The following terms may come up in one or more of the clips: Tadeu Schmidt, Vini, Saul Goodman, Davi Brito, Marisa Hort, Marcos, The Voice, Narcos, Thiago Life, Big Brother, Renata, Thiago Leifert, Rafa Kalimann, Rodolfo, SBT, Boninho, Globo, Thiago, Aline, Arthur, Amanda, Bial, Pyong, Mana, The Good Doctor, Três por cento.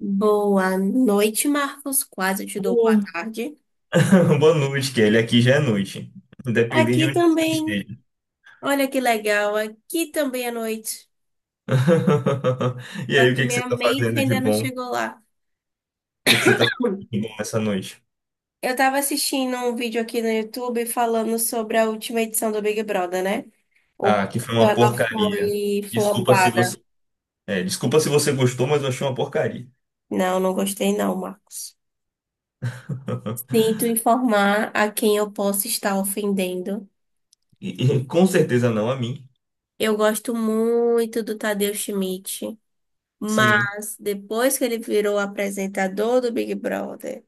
Boa noite, Marcos. Quase te dou boa Bom. tarde. Boa noite, Kelly. Aqui já é noite, independente de Aqui onde você também. esteja. Olha que legal. Aqui também é noite. E Só aí, o que que que você minha tá mente fazendo de ainda não bom? O chegou lá. que que você tá fazendo Hum. de bom nessa noite? Eu tava assistindo um vídeo aqui no YouTube falando sobre a última edição do Big Brother, né? Ou Ah, que foi quando uma ela porcaria. foi Desculpa se flopada. você, desculpa se você gostou, mas eu achei uma porcaria. Não, não gostei não, Marcos. Sinto informar a quem eu posso estar ofendendo. E com certeza não a mim. Eu gosto muito do Tadeu Schmidt. Sim. Mas depois que ele virou apresentador do Big Brother,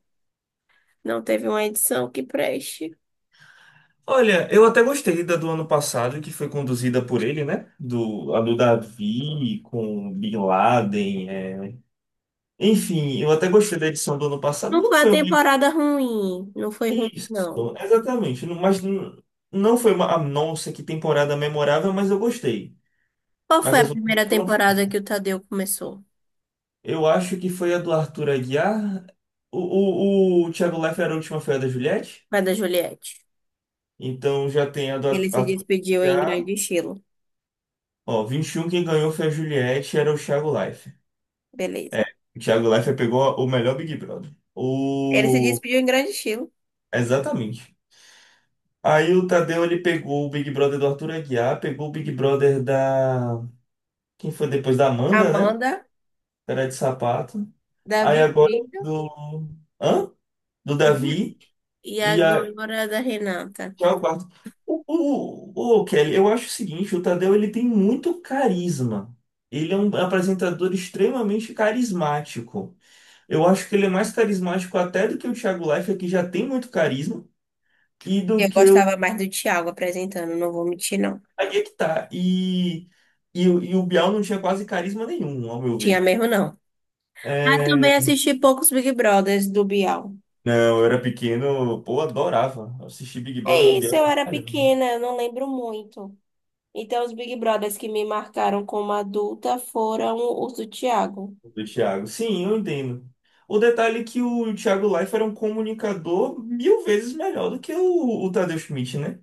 não teve uma edição que preste. Olha, eu até gostei da do ano passado, que foi conduzida por ele, né? Do, a do Davi com Bin Laden. É. Enfim, eu até gostei da edição do ano passado. Não Não foi a foi uma... temporada ruim, não foi ruim, Isso, não. exatamente. Não foi uma, ah, nossa, que temporada memorável, mas eu gostei. Qual Mas foi a as outras primeira foram. temporada que o Tadeu começou? Eu acho que foi a do Arthur Aguiar. O, o Thiago Leifert, a última foi a da Juliette. Foi a da Juliette. Então já tem a do Ele se Arthur despediu em Aguiar. grande estilo. Ó, 21, quem ganhou foi a Juliette, era o Thiago Leifert. Beleza. É, o Thiago Leifert pegou o melhor Big Brother. Ele se O... despediu em grande estilo. Exatamente. Aí o Tadeu, ele pegou o Big Brother do Arthur Aguiar, pegou o Big Brother da... Quem foi depois da Amanda, né? Amanda, Era de sapato. Aí Davi agora Brito do. Hã? Do depois- Davi. e E a... agora a da Renata. já é o quarto. O, o Kelly, eu acho o seguinte: o Tadeu ele tem muito carisma. Ele é um apresentador extremamente carismático. Eu acho que ele é mais carismático até do que o Thiago Leifert, que já tem muito carisma, e do Eu que o... gostava mais do Thiago apresentando, não vou mentir, não. Aí é que tá. E o Bial não tinha quase carisma nenhum, ao meu Tinha ver. mesmo, não. Ah, É. também assisti poucos Big Brothers do Bial. Não, eu era pequeno, pô, adorava assistir Big É Brother do isso, Biel eu pra era caramba, né? pequena, eu não lembro muito. Então, os Big Brothers que me marcaram como adulta foram os do Thiago. Do Thiago. Sim, eu entendo. O detalhe é que o Thiago Leifert era um comunicador mil vezes melhor do que o Tadeu Schmidt, né?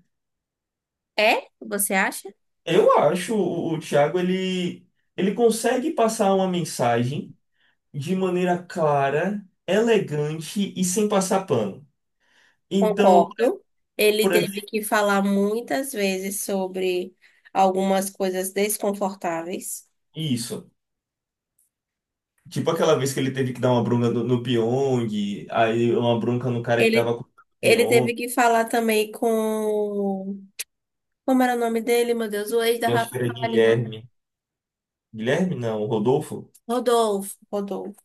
É? Você acha? Eu acho o Thiago, ele consegue passar uma mensagem de maneira clara, elegante e sem passar pano. Então, Concordo. Ele por exemplo, teve que falar muitas vezes sobre algumas coisas desconfortáveis. isso. Tipo aquela vez que ele teve que dar uma bronca no Pyong, aí uma bronca no cara que Ele, tava com o ele teve Pyong. que falar também com. Como era o nome dele, meu Deus? O ex da Acho Rafa que era Kalimann. Guilherme. Guilherme, não, Rodolfo. Rodolfo. Rodolfo.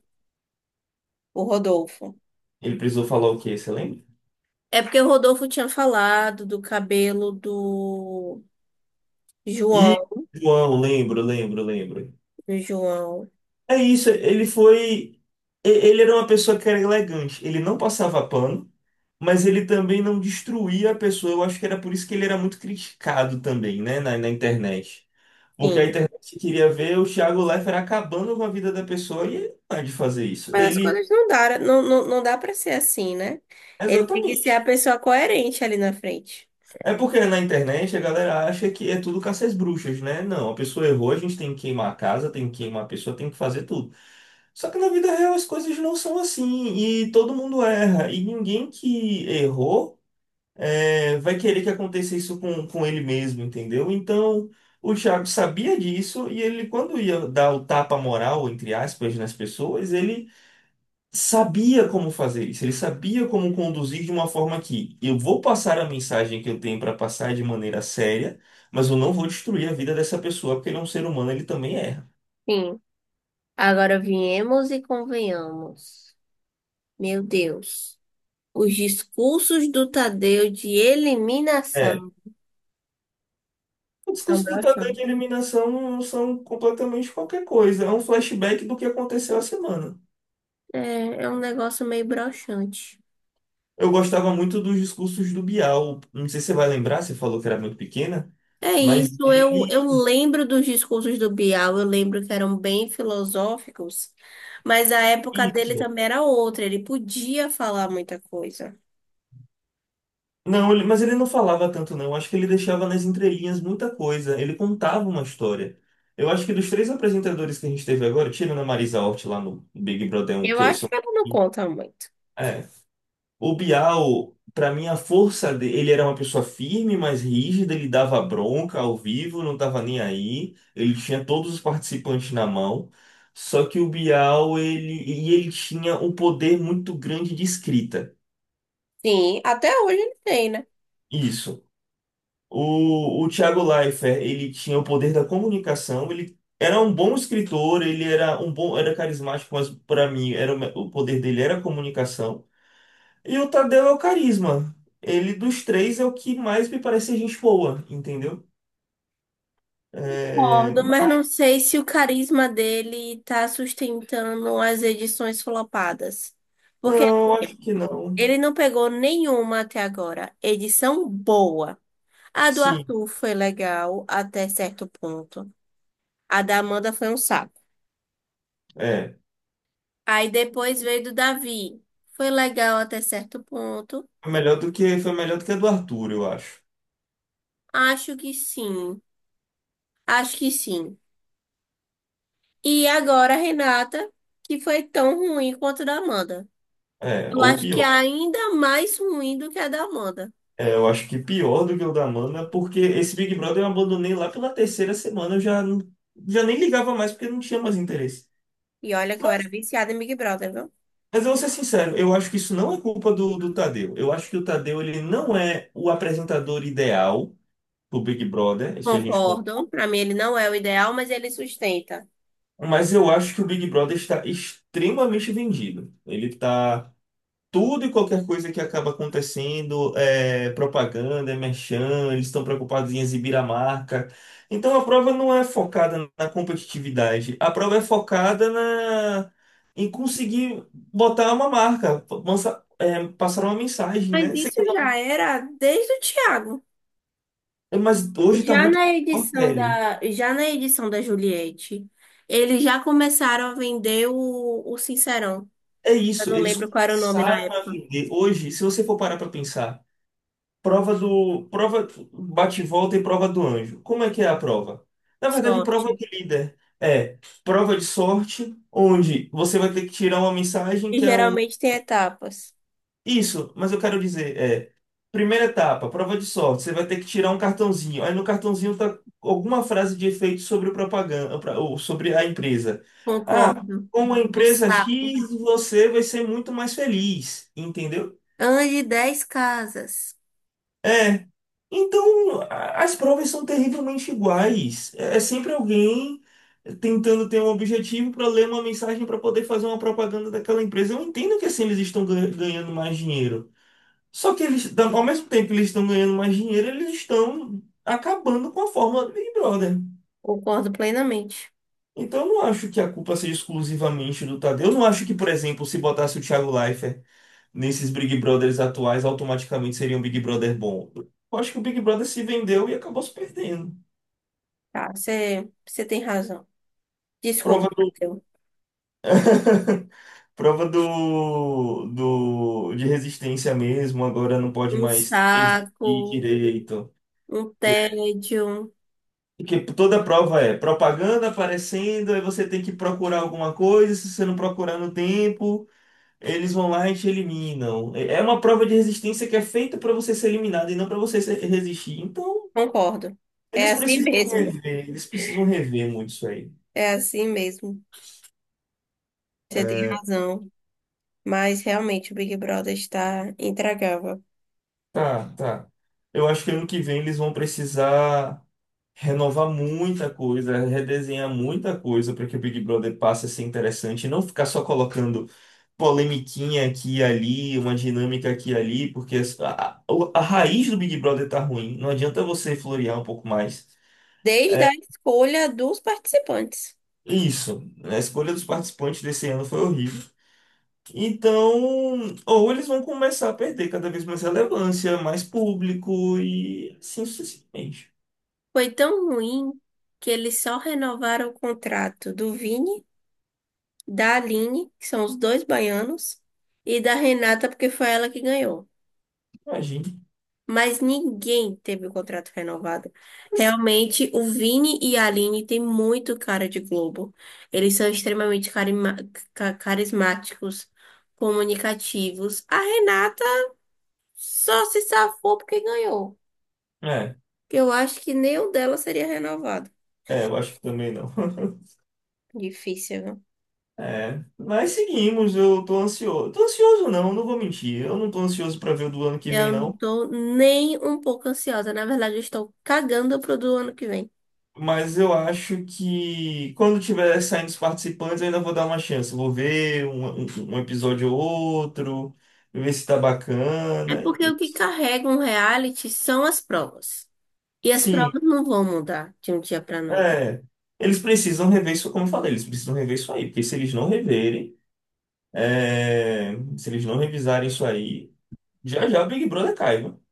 O Rodolfo. Ele precisou falar o quê? Você lembra? É porque o Rodolfo tinha falado do cabelo do. E João, João, lembro, lembro, lembro. João, É isso, ele foi. Ele era uma pessoa que era elegante. Ele não passava pano, mas ele também não destruía a pessoa. Eu acho que era por isso que ele era muito criticado também, né, na internet. Porque a sim. internet queria ver o Thiago Leifert acabando com a vida da pessoa e ele não é de fazer isso. Mas as Ele... coisas não dá, não, não, não dá para ser assim, né? Ele tem que ser a Exatamente. pessoa coerente ali na frente. É porque na internet a galera acha que é tudo caça às bruxas, né? Não, a pessoa errou, a gente tem que queimar a casa, tem que queimar a pessoa, tem que fazer tudo. Só que na vida real as coisas não são assim e todo mundo erra. E ninguém que errou, vai querer que aconteça isso com ele mesmo, entendeu? Então o Thiago sabia disso e ele, quando ia dar o tapa moral, entre aspas, nas pessoas, ele sabia como fazer isso, ele sabia como conduzir de uma forma que eu vou passar a mensagem que eu tenho para passar de maneira séria, mas eu não vou destruir a vida dessa pessoa, porque ele é um ser humano, ele também erra. Sim. Agora viemos e convenhamos. Meu Deus. Os discursos do Tadeu de É. eliminação O são discurso do Tadeu de broxantes. eliminação são completamente qualquer coisa, é um flashback do que aconteceu a semana. É, é um negócio meio broxante. Eu gostava muito dos discursos do Bial, não sei se você vai lembrar, você falou que era muito pequena, É mas isso, eu, ele... eu lembro dos discursos do Bial, eu lembro que eram bem filosóficos, mas a época dele Isso. também era outra, ele podia falar muita coisa. Não, mas ele não falava tanto, não. Eu acho que ele deixava nas entrelinhas muita coisa. Ele contava uma história. Eu acho que dos três apresentadores que a gente teve agora, tirando a Marisa Hort lá no Big Brother um Eu que eu acho sou... que ele não Um. conta muito. É. O Bial, pra mim, a força dele, ele era uma pessoa firme, mas rígida, ele dava bronca ao vivo, não tava nem aí. Ele tinha todos os participantes na mão. Só que o Bial, ele tinha um poder muito grande de escrita. Sim, até hoje ele tem, né? Isso. O Thiago Leifert, ele tinha o poder da comunicação, ele era um bom escritor, ele era um bom, era carismático, mas para mim era o poder dele era a comunicação. E o Tadeu é o carisma. Ele dos três é o que mais me parece ser gente boa, entendeu? É, Concordo, mas mas não sei se o carisma dele tá sustentando as edições flopadas. Porque não, acho que não. ele não pegou nenhuma até agora. Edição boa. A do Sim, Arthur foi legal até certo ponto. A da Amanda foi um saco. é. Aí depois veio do Davi. Foi legal até certo ponto. Foi melhor do que foi melhor do que a do Arthur, eu acho. Acho que sim. Acho que sim. E agora a Renata, que foi tão ruim quanto a da Amanda. É, Eu ou acho que é pior. ainda mais ruim do que a da Amanda. É, eu acho que pior do que o da Mana, porque esse Big Brother eu abandonei lá pela terceira semana, eu já, já nem ligava mais porque não tinha mais interesse. E olha que eu era Mas, viciada em Big Brother, viu? mas eu vou ser sincero, eu acho que isso não é culpa do Tadeu. Eu acho que o Tadeu ele não é o apresentador ideal do Big Brother, isso a gente Concordo. Pra mim ele não é o ideal, mas ele sustenta. Mas eu acho que o Big Brother está extremamente vendido. Ele está... Tudo e qualquer coisa que acaba acontecendo é propaganda, é merchan, eles estão preocupados em exibir a marca. Então a prova não é focada na competitividade, a prova é focada na... em conseguir botar uma marca, passar uma mensagem, Mas né? Você isso quer já era desde o Thiago. ver. Mas hoje está Já muito na pior, edição velho. da, já na edição da Juliette, eles já começaram a vender o Sincerão. É Eu isso, não eles lembro qual era o nome na começaram a época. vender. Hoje, se você for parar para pensar. Prova do. Prova bate e volta e prova do anjo. Como é que é a prova? Na verdade, prova do Sorte. líder. É prova de sorte, onde você vai ter que tirar uma mensagem E que é um. geralmente tem etapas. Isso, mas eu quero dizer, é. Primeira etapa, prova de sorte. Você vai ter que tirar um cartãozinho. Aí no cartãozinho tá alguma frase de efeito sobre o propaganda, ou sobre a empresa. Ah, Concordo. com a Um empresa saco. X, você vai ser muito mais feliz, entendeu? Ande 10 casas. É. Então, as provas são terrivelmente iguais. É sempre alguém tentando ter um objetivo para ler uma mensagem para poder fazer uma propaganda daquela empresa. Eu entendo que assim eles estão ganhando mais dinheiro. Só que eles, ao mesmo tempo que eles estão ganhando mais dinheiro, eles estão acabando com a fórmula do Big Brother. Concordo plenamente. Então, eu não acho que a culpa seja exclusivamente do Tadeu. Eu não acho que, por exemplo, se botasse o Thiago Leifert nesses Big Brothers atuais automaticamente seria um Big Brother bom. Eu acho que o Big Brother se vendeu e acabou se perdendo. Tá, você tem razão. Desculpa, Prova do, Matheus. prova do, de resistência mesmo, agora não pode Um mais ter saco, direito. um tédio. Que toda prova é propaganda aparecendo, aí você tem que procurar alguma coisa, se você não procurar no tempo, eles vão lá e te eliminam. É uma prova de resistência que é feita para você ser eliminado e não para você resistir. Então, Concordo. eles É assim precisam mesmo. rever, eles precisam rever muito isso aí. É assim mesmo. Você tem razão. Mas realmente o Big Brother está intragável. Tá, tá. Eu acho que ano que vem eles vão precisar renovar muita coisa, redesenhar muita coisa para que o Big Brother passe a ser interessante e não ficar só colocando polemiquinha aqui e ali, uma dinâmica aqui e ali, porque a raiz do Big Brother tá ruim. Não adianta você florear um pouco mais. Desde a escolha dos participantes. É isso, a escolha dos participantes desse ano foi horrível. Então, ou eles vão começar a perder cada vez mais relevância, mais público e assim sucessivamente. Foi tão ruim que eles só renovaram o contrato do Vini, da Aline, que são os dois baianos, e da Renata, porque foi ela que ganhou. Imagina. Mas ninguém teve o contrato renovado. Realmente, o Vini e a Aline têm muito cara de Globo. Eles são extremamente carima- ca- carismáticos, comunicativos. A Renata só se safou porque ganhou. É, Eu acho que nem o dela seria renovado. é, eu acho que também não. Difícil, viu? É, mas seguimos, eu tô ansioso. Tô ansioso não, não vou mentir. Eu não tô ansioso pra ver o do ano que vem Eu não não, tô nem um pouco ansiosa. Na verdade, eu estou cagando pro do ano que vem. mas eu acho que quando tiver saindo os participantes, eu ainda vou dar uma chance. Vou ver um, um episódio ou outro, ver se tá É bacana. Porque o que carrega um reality são as provas. E as Sim. provas não vão mudar de um dia pra noite. É, eles precisam rever isso, como eu falei, eles precisam rever isso aí, porque se eles não reverem, se eles não revisarem isso aí, já já o Big Brother cai, viu?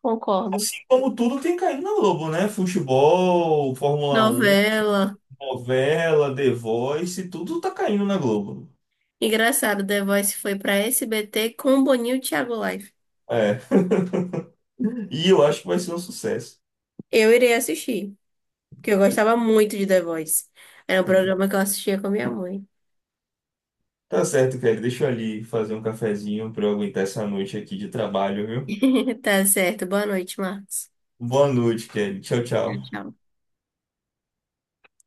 Concordo. Assim como tudo tem caído na Globo, né? Futebol, Fórmula Um, Novela. novela, The Voice, tudo tá caindo na Globo. Engraçado, The Voice foi pra SBT com Boninho e Thiago Life. É, e eu acho que vai ser um sucesso. Eu irei assistir, porque eu gostava muito de The Voice. Era um Sim. programa que eu assistia com minha mãe. Tá certo, Kelly, deixa eu ali fazer um cafezinho pra eu aguentar essa noite aqui de trabalho, viu? Tá certo. Boa noite, Marcos. Boa noite, Kelly. Tchau, Tchau, tchau. tchau.